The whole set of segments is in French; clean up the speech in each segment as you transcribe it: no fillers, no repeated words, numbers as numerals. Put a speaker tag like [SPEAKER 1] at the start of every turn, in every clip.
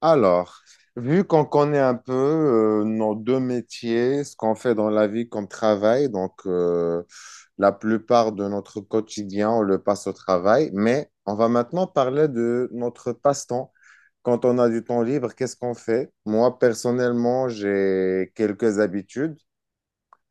[SPEAKER 1] Alors, vu qu'on connaît un peu nos deux métiers, ce qu'on fait dans la vie comme travail, la plupart de notre quotidien, on le passe au travail, mais on va maintenant parler de notre passe-temps. Quand on a du temps libre, qu'est-ce qu'on fait? Moi, personnellement, j'ai quelques habitudes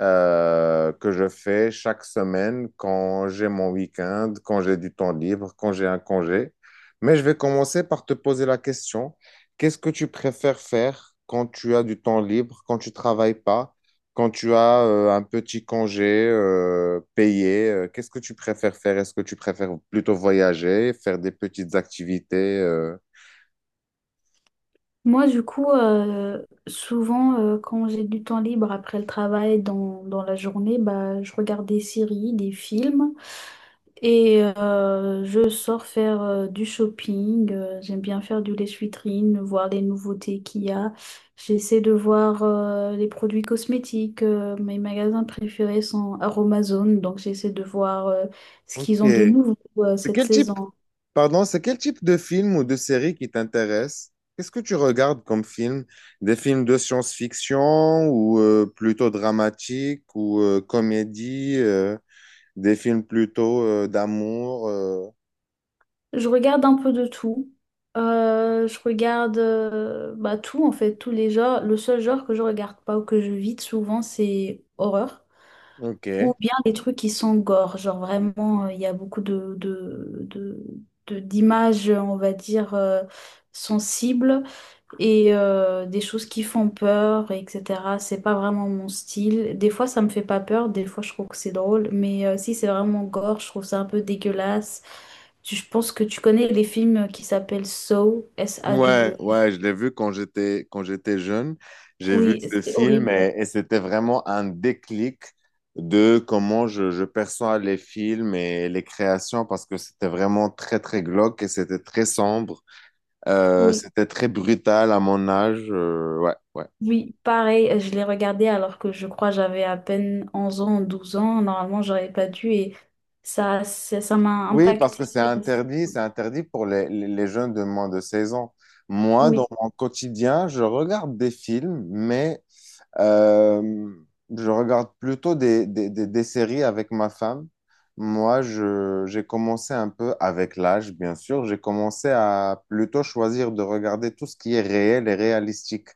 [SPEAKER 1] que je fais chaque semaine quand j'ai mon week-end, quand j'ai du temps libre, quand j'ai un congé. Mais je vais commencer par te poser la question, qu'est-ce que tu préfères faire quand tu as du temps libre, quand tu travailles pas, quand tu as un petit congé payé? Qu'est-ce que tu préfères faire? Est-ce que tu préfères plutôt voyager, faire des petites activités?
[SPEAKER 2] Moi, du coup, souvent, quand j'ai du temps libre après le travail dans la journée, bah, je regarde des séries, des films et je sors faire du shopping. J'aime bien faire du lèche-vitrine, voir les nouveautés qu'il y a. J'essaie de voir les produits cosmétiques. Mes magasins préférés sont Aromazone, donc j'essaie de voir ce
[SPEAKER 1] Ok.
[SPEAKER 2] qu'ils ont de nouveau
[SPEAKER 1] De
[SPEAKER 2] cette
[SPEAKER 1] quel type,
[SPEAKER 2] saison.
[SPEAKER 1] Pardon, c'est quel type de film ou de série qui t'intéresse? Qu'est-ce que tu regardes comme film? Des films de science-fiction ou plutôt dramatiques ou comédie, des films plutôt d'amour.
[SPEAKER 2] Je regarde un peu de tout. Je regarde bah, tout, en fait, tous les genres. Le seul genre que je regarde pas ou que je vide souvent, c'est horreur.
[SPEAKER 1] Ok.
[SPEAKER 2] Ou bien les trucs qui sont gore. Genre vraiment, il y a beaucoup d'images, on va dire, sensibles et des choses qui font peur, etc. C'est pas vraiment mon style. Des fois, ça me fait pas peur, des fois, je trouve que c'est drôle, mais si c'est vraiment gore, je trouve ça un peu dégueulasse. Je pense que tu connais les films qui s'appellent Saw,
[SPEAKER 1] Ouais,
[SPEAKER 2] SAW.
[SPEAKER 1] ouais, je l'ai vu quand j'étais jeune. J'ai vu
[SPEAKER 2] Oui,
[SPEAKER 1] ce
[SPEAKER 2] c'est
[SPEAKER 1] film
[SPEAKER 2] horrible.
[SPEAKER 1] et c'était vraiment un déclic de comment je perçois les films et les créations parce que c'était vraiment très glauque et c'était très sombre.
[SPEAKER 2] Oui.
[SPEAKER 1] C'était très brutal à mon âge. Ouais, ouais.
[SPEAKER 2] Oui, pareil, je l'ai regardé alors que je crois j'avais à peine 11 ans, 12 ans. Normalement, j'aurais pas dû et ça m'a
[SPEAKER 1] Oui, parce que
[SPEAKER 2] impacté.
[SPEAKER 1] c'est interdit pour les jeunes de moins de 16 ans. Moi, dans
[SPEAKER 2] Oui.
[SPEAKER 1] mon quotidien, je regarde des films, mais euh, je regarde plutôt des séries avec ma femme. Moi, j'ai commencé un peu avec l'âge, bien sûr. J'ai commencé à plutôt choisir de regarder tout ce qui est réel et réalistique.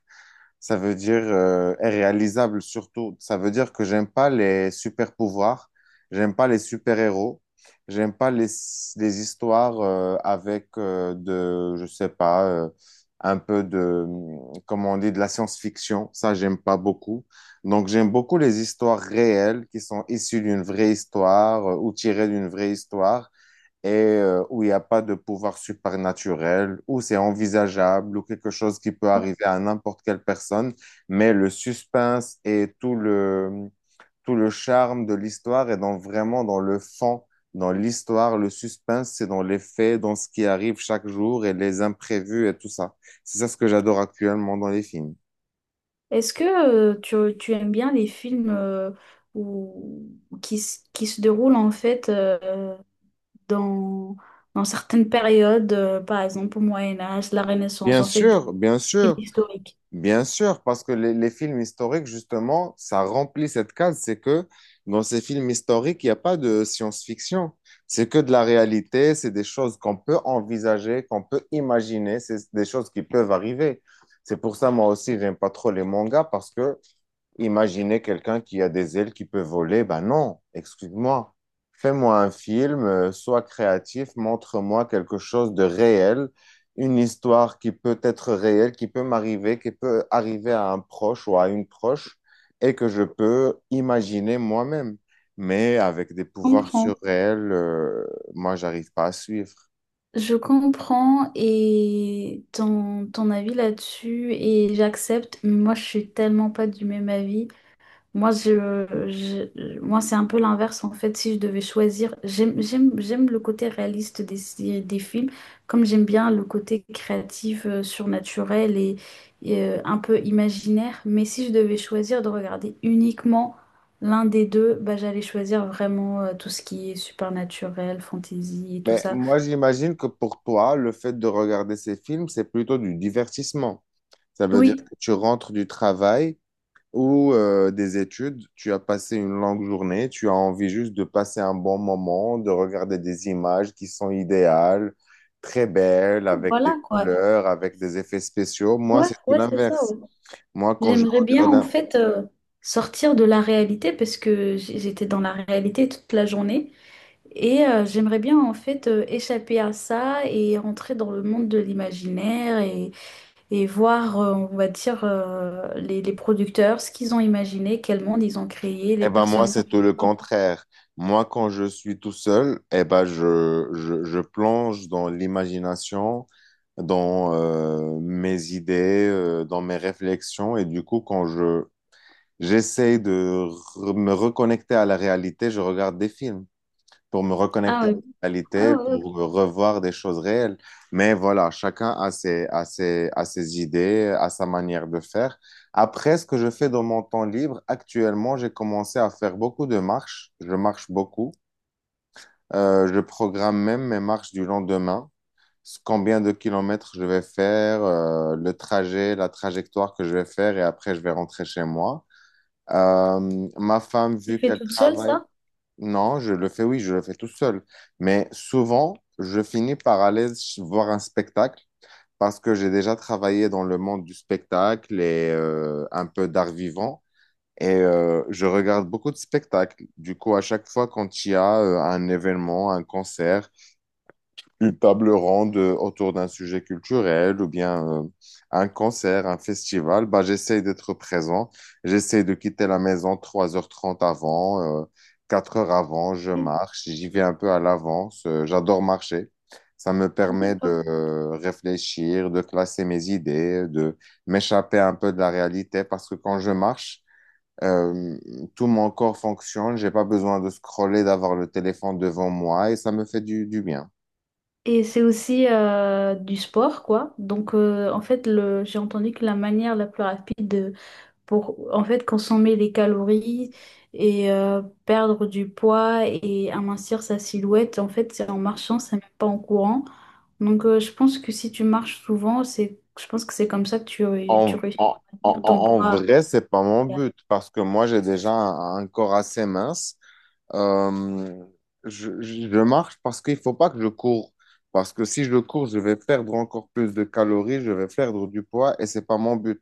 [SPEAKER 1] Ça veut dire et réalisable surtout. Ça veut dire que j'aime pas les super pouvoirs, j'aime pas les super héros, j'aime pas les, les histoires avec je sais pas, un peu comment on dit, de la science-fiction. Ça, j'aime pas beaucoup. Donc, j'aime beaucoup les histoires réelles qui sont issues d'une vraie histoire ou tirées d'une vraie histoire et où il n'y a pas de pouvoir surnaturel, où c'est envisageable, ou quelque chose qui peut arriver à n'importe quelle personne, mais le suspense et tout le charme de l'histoire est dans, vraiment dans le fond, dans l'histoire, le suspense, c'est dans les faits, dans ce qui arrive chaque jour et les imprévus et tout ça. C'est ça ce que j'adore actuellement dans les films.
[SPEAKER 2] Est-ce que tu aimes bien les films où- qui se déroulent en fait dans, dans certaines périodes, par exemple au Moyen Âge, la Renaissance,
[SPEAKER 1] Bien
[SPEAKER 2] en fait des
[SPEAKER 1] sûr, bien
[SPEAKER 2] films
[SPEAKER 1] sûr.
[SPEAKER 2] historiques?
[SPEAKER 1] Bien sûr, parce que les films historiques, justement, ça remplit cette case. C'est que dans ces films historiques, il n'y a pas de science-fiction. C'est que de la réalité, c'est des choses qu'on peut envisager, qu'on peut imaginer, c'est des choses qui peuvent arriver. C'est pour ça, moi aussi, j'aime pas trop les mangas parce que imaginez quelqu'un qui a des ailes qui peut voler. Ben non, excuse-moi. Fais-moi un film, sois créatif, montre-moi quelque chose de réel, une histoire qui peut être réelle, qui peut m'arriver, qui peut arriver à un proche ou à une proche et que je peux imaginer moi-même. Mais avec des
[SPEAKER 2] Je
[SPEAKER 1] pouvoirs
[SPEAKER 2] comprends.
[SPEAKER 1] surréels, moi, j'arrive pas à suivre.
[SPEAKER 2] Je comprends et ton avis là-dessus et j'accepte. Moi, je suis tellement pas du même avis. Moi, moi, c'est un peu l'inverse en fait. Si je devais choisir, j'aime le côté réaliste des films, comme j'aime bien le côté créatif, surnaturel et un peu imaginaire. Mais si je devais choisir de regarder uniquement l'un des deux, bah, j'allais choisir vraiment tout ce qui est supernaturel, fantasy et tout
[SPEAKER 1] Mais
[SPEAKER 2] ça.
[SPEAKER 1] moi, j'imagine que pour toi, le fait de regarder ces films, c'est plutôt du divertissement. Ça veut dire
[SPEAKER 2] Oui,
[SPEAKER 1] que tu rentres du travail ou des études, tu as passé une longue journée, tu as envie juste de passer un bon moment, de regarder des images qui sont idéales, très belles, avec des
[SPEAKER 2] voilà quoi.
[SPEAKER 1] couleurs, avec des effets spéciaux. Moi,
[SPEAKER 2] Ouais,
[SPEAKER 1] c'est tout
[SPEAKER 2] ouais, c'est ça.
[SPEAKER 1] l'inverse. Moi, quand je
[SPEAKER 2] J'aimerais bien
[SPEAKER 1] regarde
[SPEAKER 2] en
[SPEAKER 1] un...
[SPEAKER 2] fait sortir de la réalité parce que j'étais dans la réalité toute la journée et j'aimerais bien en fait échapper à ça et rentrer dans le monde de l'imaginaire et voir, on va dire, les producteurs, ce qu'ils ont imaginé, quel monde ils ont créé, les
[SPEAKER 1] Eh ben moi,
[SPEAKER 2] personnages.
[SPEAKER 1] c'est tout le contraire. Moi, quand je suis tout seul, eh ben je plonge dans l'imagination, dans mes idées, dans mes réflexions. Et du coup, j'essaie de me reconnecter à la réalité. Je regarde des films pour me
[SPEAKER 2] Ah
[SPEAKER 1] reconnecter à
[SPEAKER 2] oui,
[SPEAKER 1] la
[SPEAKER 2] ah,
[SPEAKER 1] réalité,
[SPEAKER 2] ouais, ok.
[SPEAKER 1] pour me revoir des choses réelles. Mais voilà, chacun a a ses idées, a sa manière de faire. Après, ce que je fais dans mon temps libre, actuellement, j'ai commencé à faire beaucoup de marches. Je marche beaucoup. Je programme même mes marches du lendemain. Combien de kilomètres je vais faire, le trajet, la trajectoire que je vais faire et après je vais rentrer chez moi. Ma femme,
[SPEAKER 2] Tu
[SPEAKER 1] vu
[SPEAKER 2] fais
[SPEAKER 1] qu'elle
[SPEAKER 2] toute seule
[SPEAKER 1] travaille,
[SPEAKER 2] ça?
[SPEAKER 1] non, je le fais, oui, je le fais tout seul. Mais souvent, je finis par voir un spectacle parce que j'ai déjà travaillé dans le monde du spectacle et un peu d'art vivant. Et je regarde beaucoup de spectacles. Du coup, à chaque fois quand il y a un événement, un concert, une table ronde autour d'un sujet culturel ou bien un concert, un festival, bah, j'essaie d'être présent. J'essaie de quitter la maison 3 h 30 avant, 4 h avant, je
[SPEAKER 2] Oui.
[SPEAKER 1] marche, j'y vais un peu à l'avance. J'adore marcher. Ça me permet de
[SPEAKER 2] D'accord.
[SPEAKER 1] réfléchir, de classer mes idées, de m'échapper un peu de la réalité parce que quand je marche, euh, tout mon corps fonctionne, j'ai pas besoin de scroller, d'avoir le téléphone devant moi et ça me fait du bien.
[SPEAKER 2] Et c'est aussi du sport, quoi. Donc, en fait, j'ai entendu que la manière la plus rapide pour en fait consommer des calories et perdre du poids et amincir sa silhouette. En fait, c'est en marchant, c'est même pas en courant. Donc, je pense que si tu marches souvent, je pense que c'est comme ça que tu
[SPEAKER 1] En,
[SPEAKER 2] réussis
[SPEAKER 1] en,
[SPEAKER 2] ton
[SPEAKER 1] En
[SPEAKER 2] poids.
[SPEAKER 1] vrai, c'est pas mon but parce que moi, j'ai déjà un corps assez mince euh, je marche parce qu'il faut pas que je cours. Parce que si je cours, je vais perdre encore plus de calories, je vais perdre du poids et c'est pas mon but.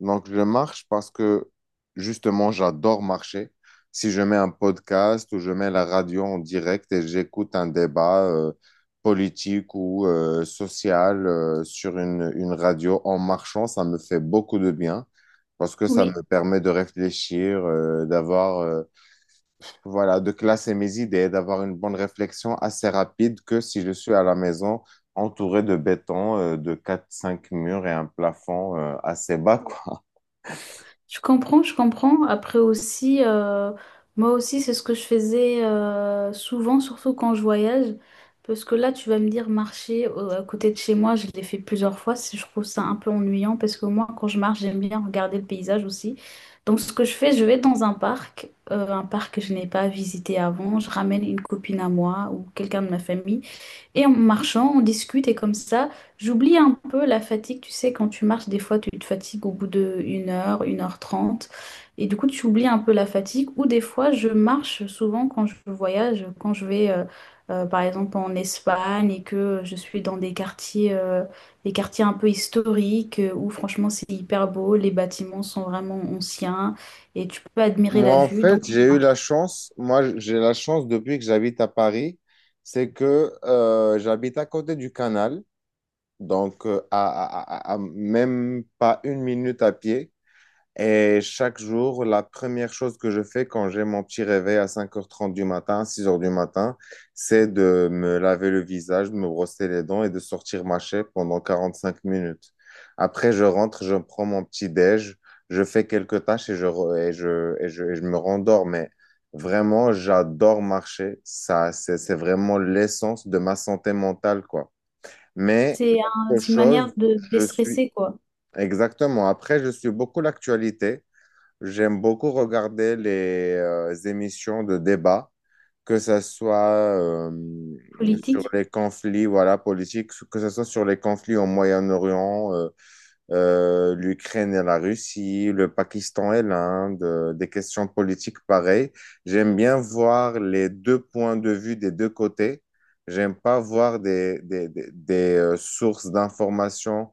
[SPEAKER 1] Donc, je marche parce que justement, j'adore marcher. Si je mets un podcast ou je mets la radio en direct et j'écoute un débat politique ou social sur une radio en marchant, ça me fait beaucoup de bien parce que ça
[SPEAKER 2] Oui.
[SPEAKER 1] me permet de réfléchir, d'avoir. Voilà, de classer mes idées, d'avoir une bonne réflexion assez rapide que si je suis à la maison entouré de béton, de quatre cinq murs et un plafond assez bas, quoi.
[SPEAKER 2] Je comprends, je comprends. Après aussi, moi aussi, c'est ce que je faisais souvent, surtout quand je voyage. Parce que là, tu vas me dire marcher à côté de chez moi, je l'ai fait plusieurs fois. Je trouve ça un peu ennuyant parce que moi, quand je marche, j'aime bien regarder le paysage aussi. Donc, ce que je fais, je vais dans un parc que je n'ai pas visité avant. Je ramène une copine à moi ou quelqu'un de ma famille. Et en marchant, on discute et comme ça, j'oublie un peu la fatigue. Tu sais, quand tu marches, des fois, tu te fatigues au bout de 1 heure, 1h30. Et du coup, tu oublies un peu la fatigue. Ou des fois, je marche souvent quand je voyage, quand je vais, par exemple, en Espagne et que je suis dans des quartiers un peu historiques où franchement, c'est hyper beau. Les bâtiments sont vraiment anciens et tu peux admirer
[SPEAKER 1] Moi,
[SPEAKER 2] la
[SPEAKER 1] en
[SPEAKER 2] vue. Donc,
[SPEAKER 1] fait,
[SPEAKER 2] je
[SPEAKER 1] j'ai eu la
[SPEAKER 2] marche.
[SPEAKER 1] chance, moi, j'ai la chance depuis que j'habite à Paris, c'est que j'habite à côté du canal, donc euh, à, à même pas une minute à pied. Et chaque jour, la première chose que je fais quand j'ai mon petit réveil à 5 h 30 du matin, 6 h du matin, c'est de me laver le visage, de me brosser les dents et de sortir ma chaîne pendant 5 minutes. Après, je rentre, je prends mon petit déj, je fais quelques tâches et je, re- et je, et je, et je me rendors. Mais vraiment, j'adore marcher. Ça, c'est vraiment l'essence de ma santé mentale, quoi. Mais
[SPEAKER 2] C'est un-
[SPEAKER 1] autre
[SPEAKER 2] c'est une manière
[SPEAKER 1] chose,
[SPEAKER 2] de
[SPEAKER 1] je suis...
[SPEAKER 2] déstresser, quoi.
[SPEAKER 1] Exactement. Après, je suis beaucoup l'actualité. J'aime beaucoup regarder les émissions de débat, que ce soit euh, sur
[SPEAKER 2] Politique.
[SPEAKER 1] les conflits voilà, politiques, que ce soit sur les conflits au Moyen-Orient, l'Ukraine et la Russie, le Pakistan et l'Inde, des questions politiques pareilles. J'aime bien voir les deux points de vue des deux côtés. J'aime pas voir des sources d'informations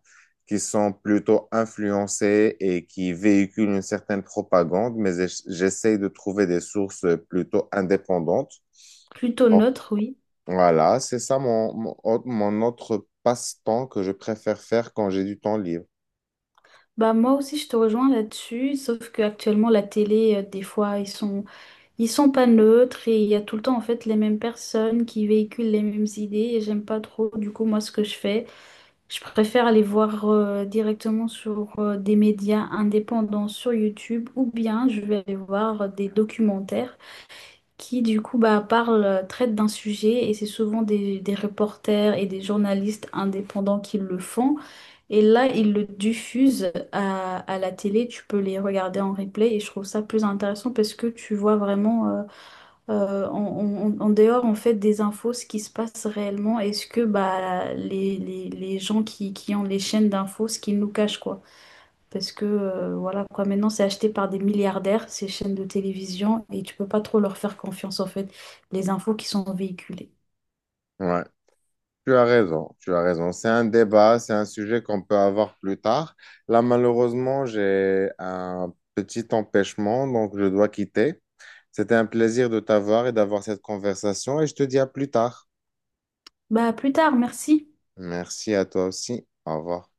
[SPEAKER 1] qui sont plutôt influencées et qui véhiculent une certaine propagande, mais j'essaye de trouver des sources plutôt indépendantes.
[SPEAKER 2] Plutôt
[SPEAKER 1] Bon,
[SPEAKER 2] neutre, oui.
[SPEAKER 1] Voilà, c'est ça mon autre passe-temps que je préfère faire quand j'ai du temps libre.
[SPEAKER 2] Bah moi aussi je te rejoins là-dessus, sauf que actuellement la télé, des fois ils sont pas neutres et il y a tout le temps en fait les mêmes personnes qui véhiculent les mêmes idées et j'aime pas trop du coup moi ce que je fais. Je préfère aller voir directement sur des médias indépendants sur YouTube ou bien je vais aller voir des documentaires qui du coup bah traitent d'un sujet et c'est souvent des reporters et des journalistes indépendants qui le font. Et là, ils le diffusent à la télé, tu peux les regarder en replay et je trouve ça plus intéressant parce que tu vois vraiment euh, en, en dehors en fait des infos ce qui se passe réellement et ce que bah, les gens qui ont les chaînes d'infos, ce qu'ils nous cachent quoi. Parce que voilà quoi, maintenant c'est acheté par des milliardaires, ces chaînes de télévision et tu peux pas trop leur faire confiance en fait, les infos qui sont véhiculées.
[SPEAKER 1] Ouais. Tu as raison, tu as raison. C'est un débat, c'est un sujet qu'on peut avoir plus tard. Là, malheureusement, j'ai un petit empêchement, donc je dois quitter. C'était un plaisir de t'avoir et d'avoir cette conversation et je te dis à plus tard.
[SPEAKER 2] Bah à plus tard, merci.
[SPEAKER 1] Merci à toi aussi. Au revoir.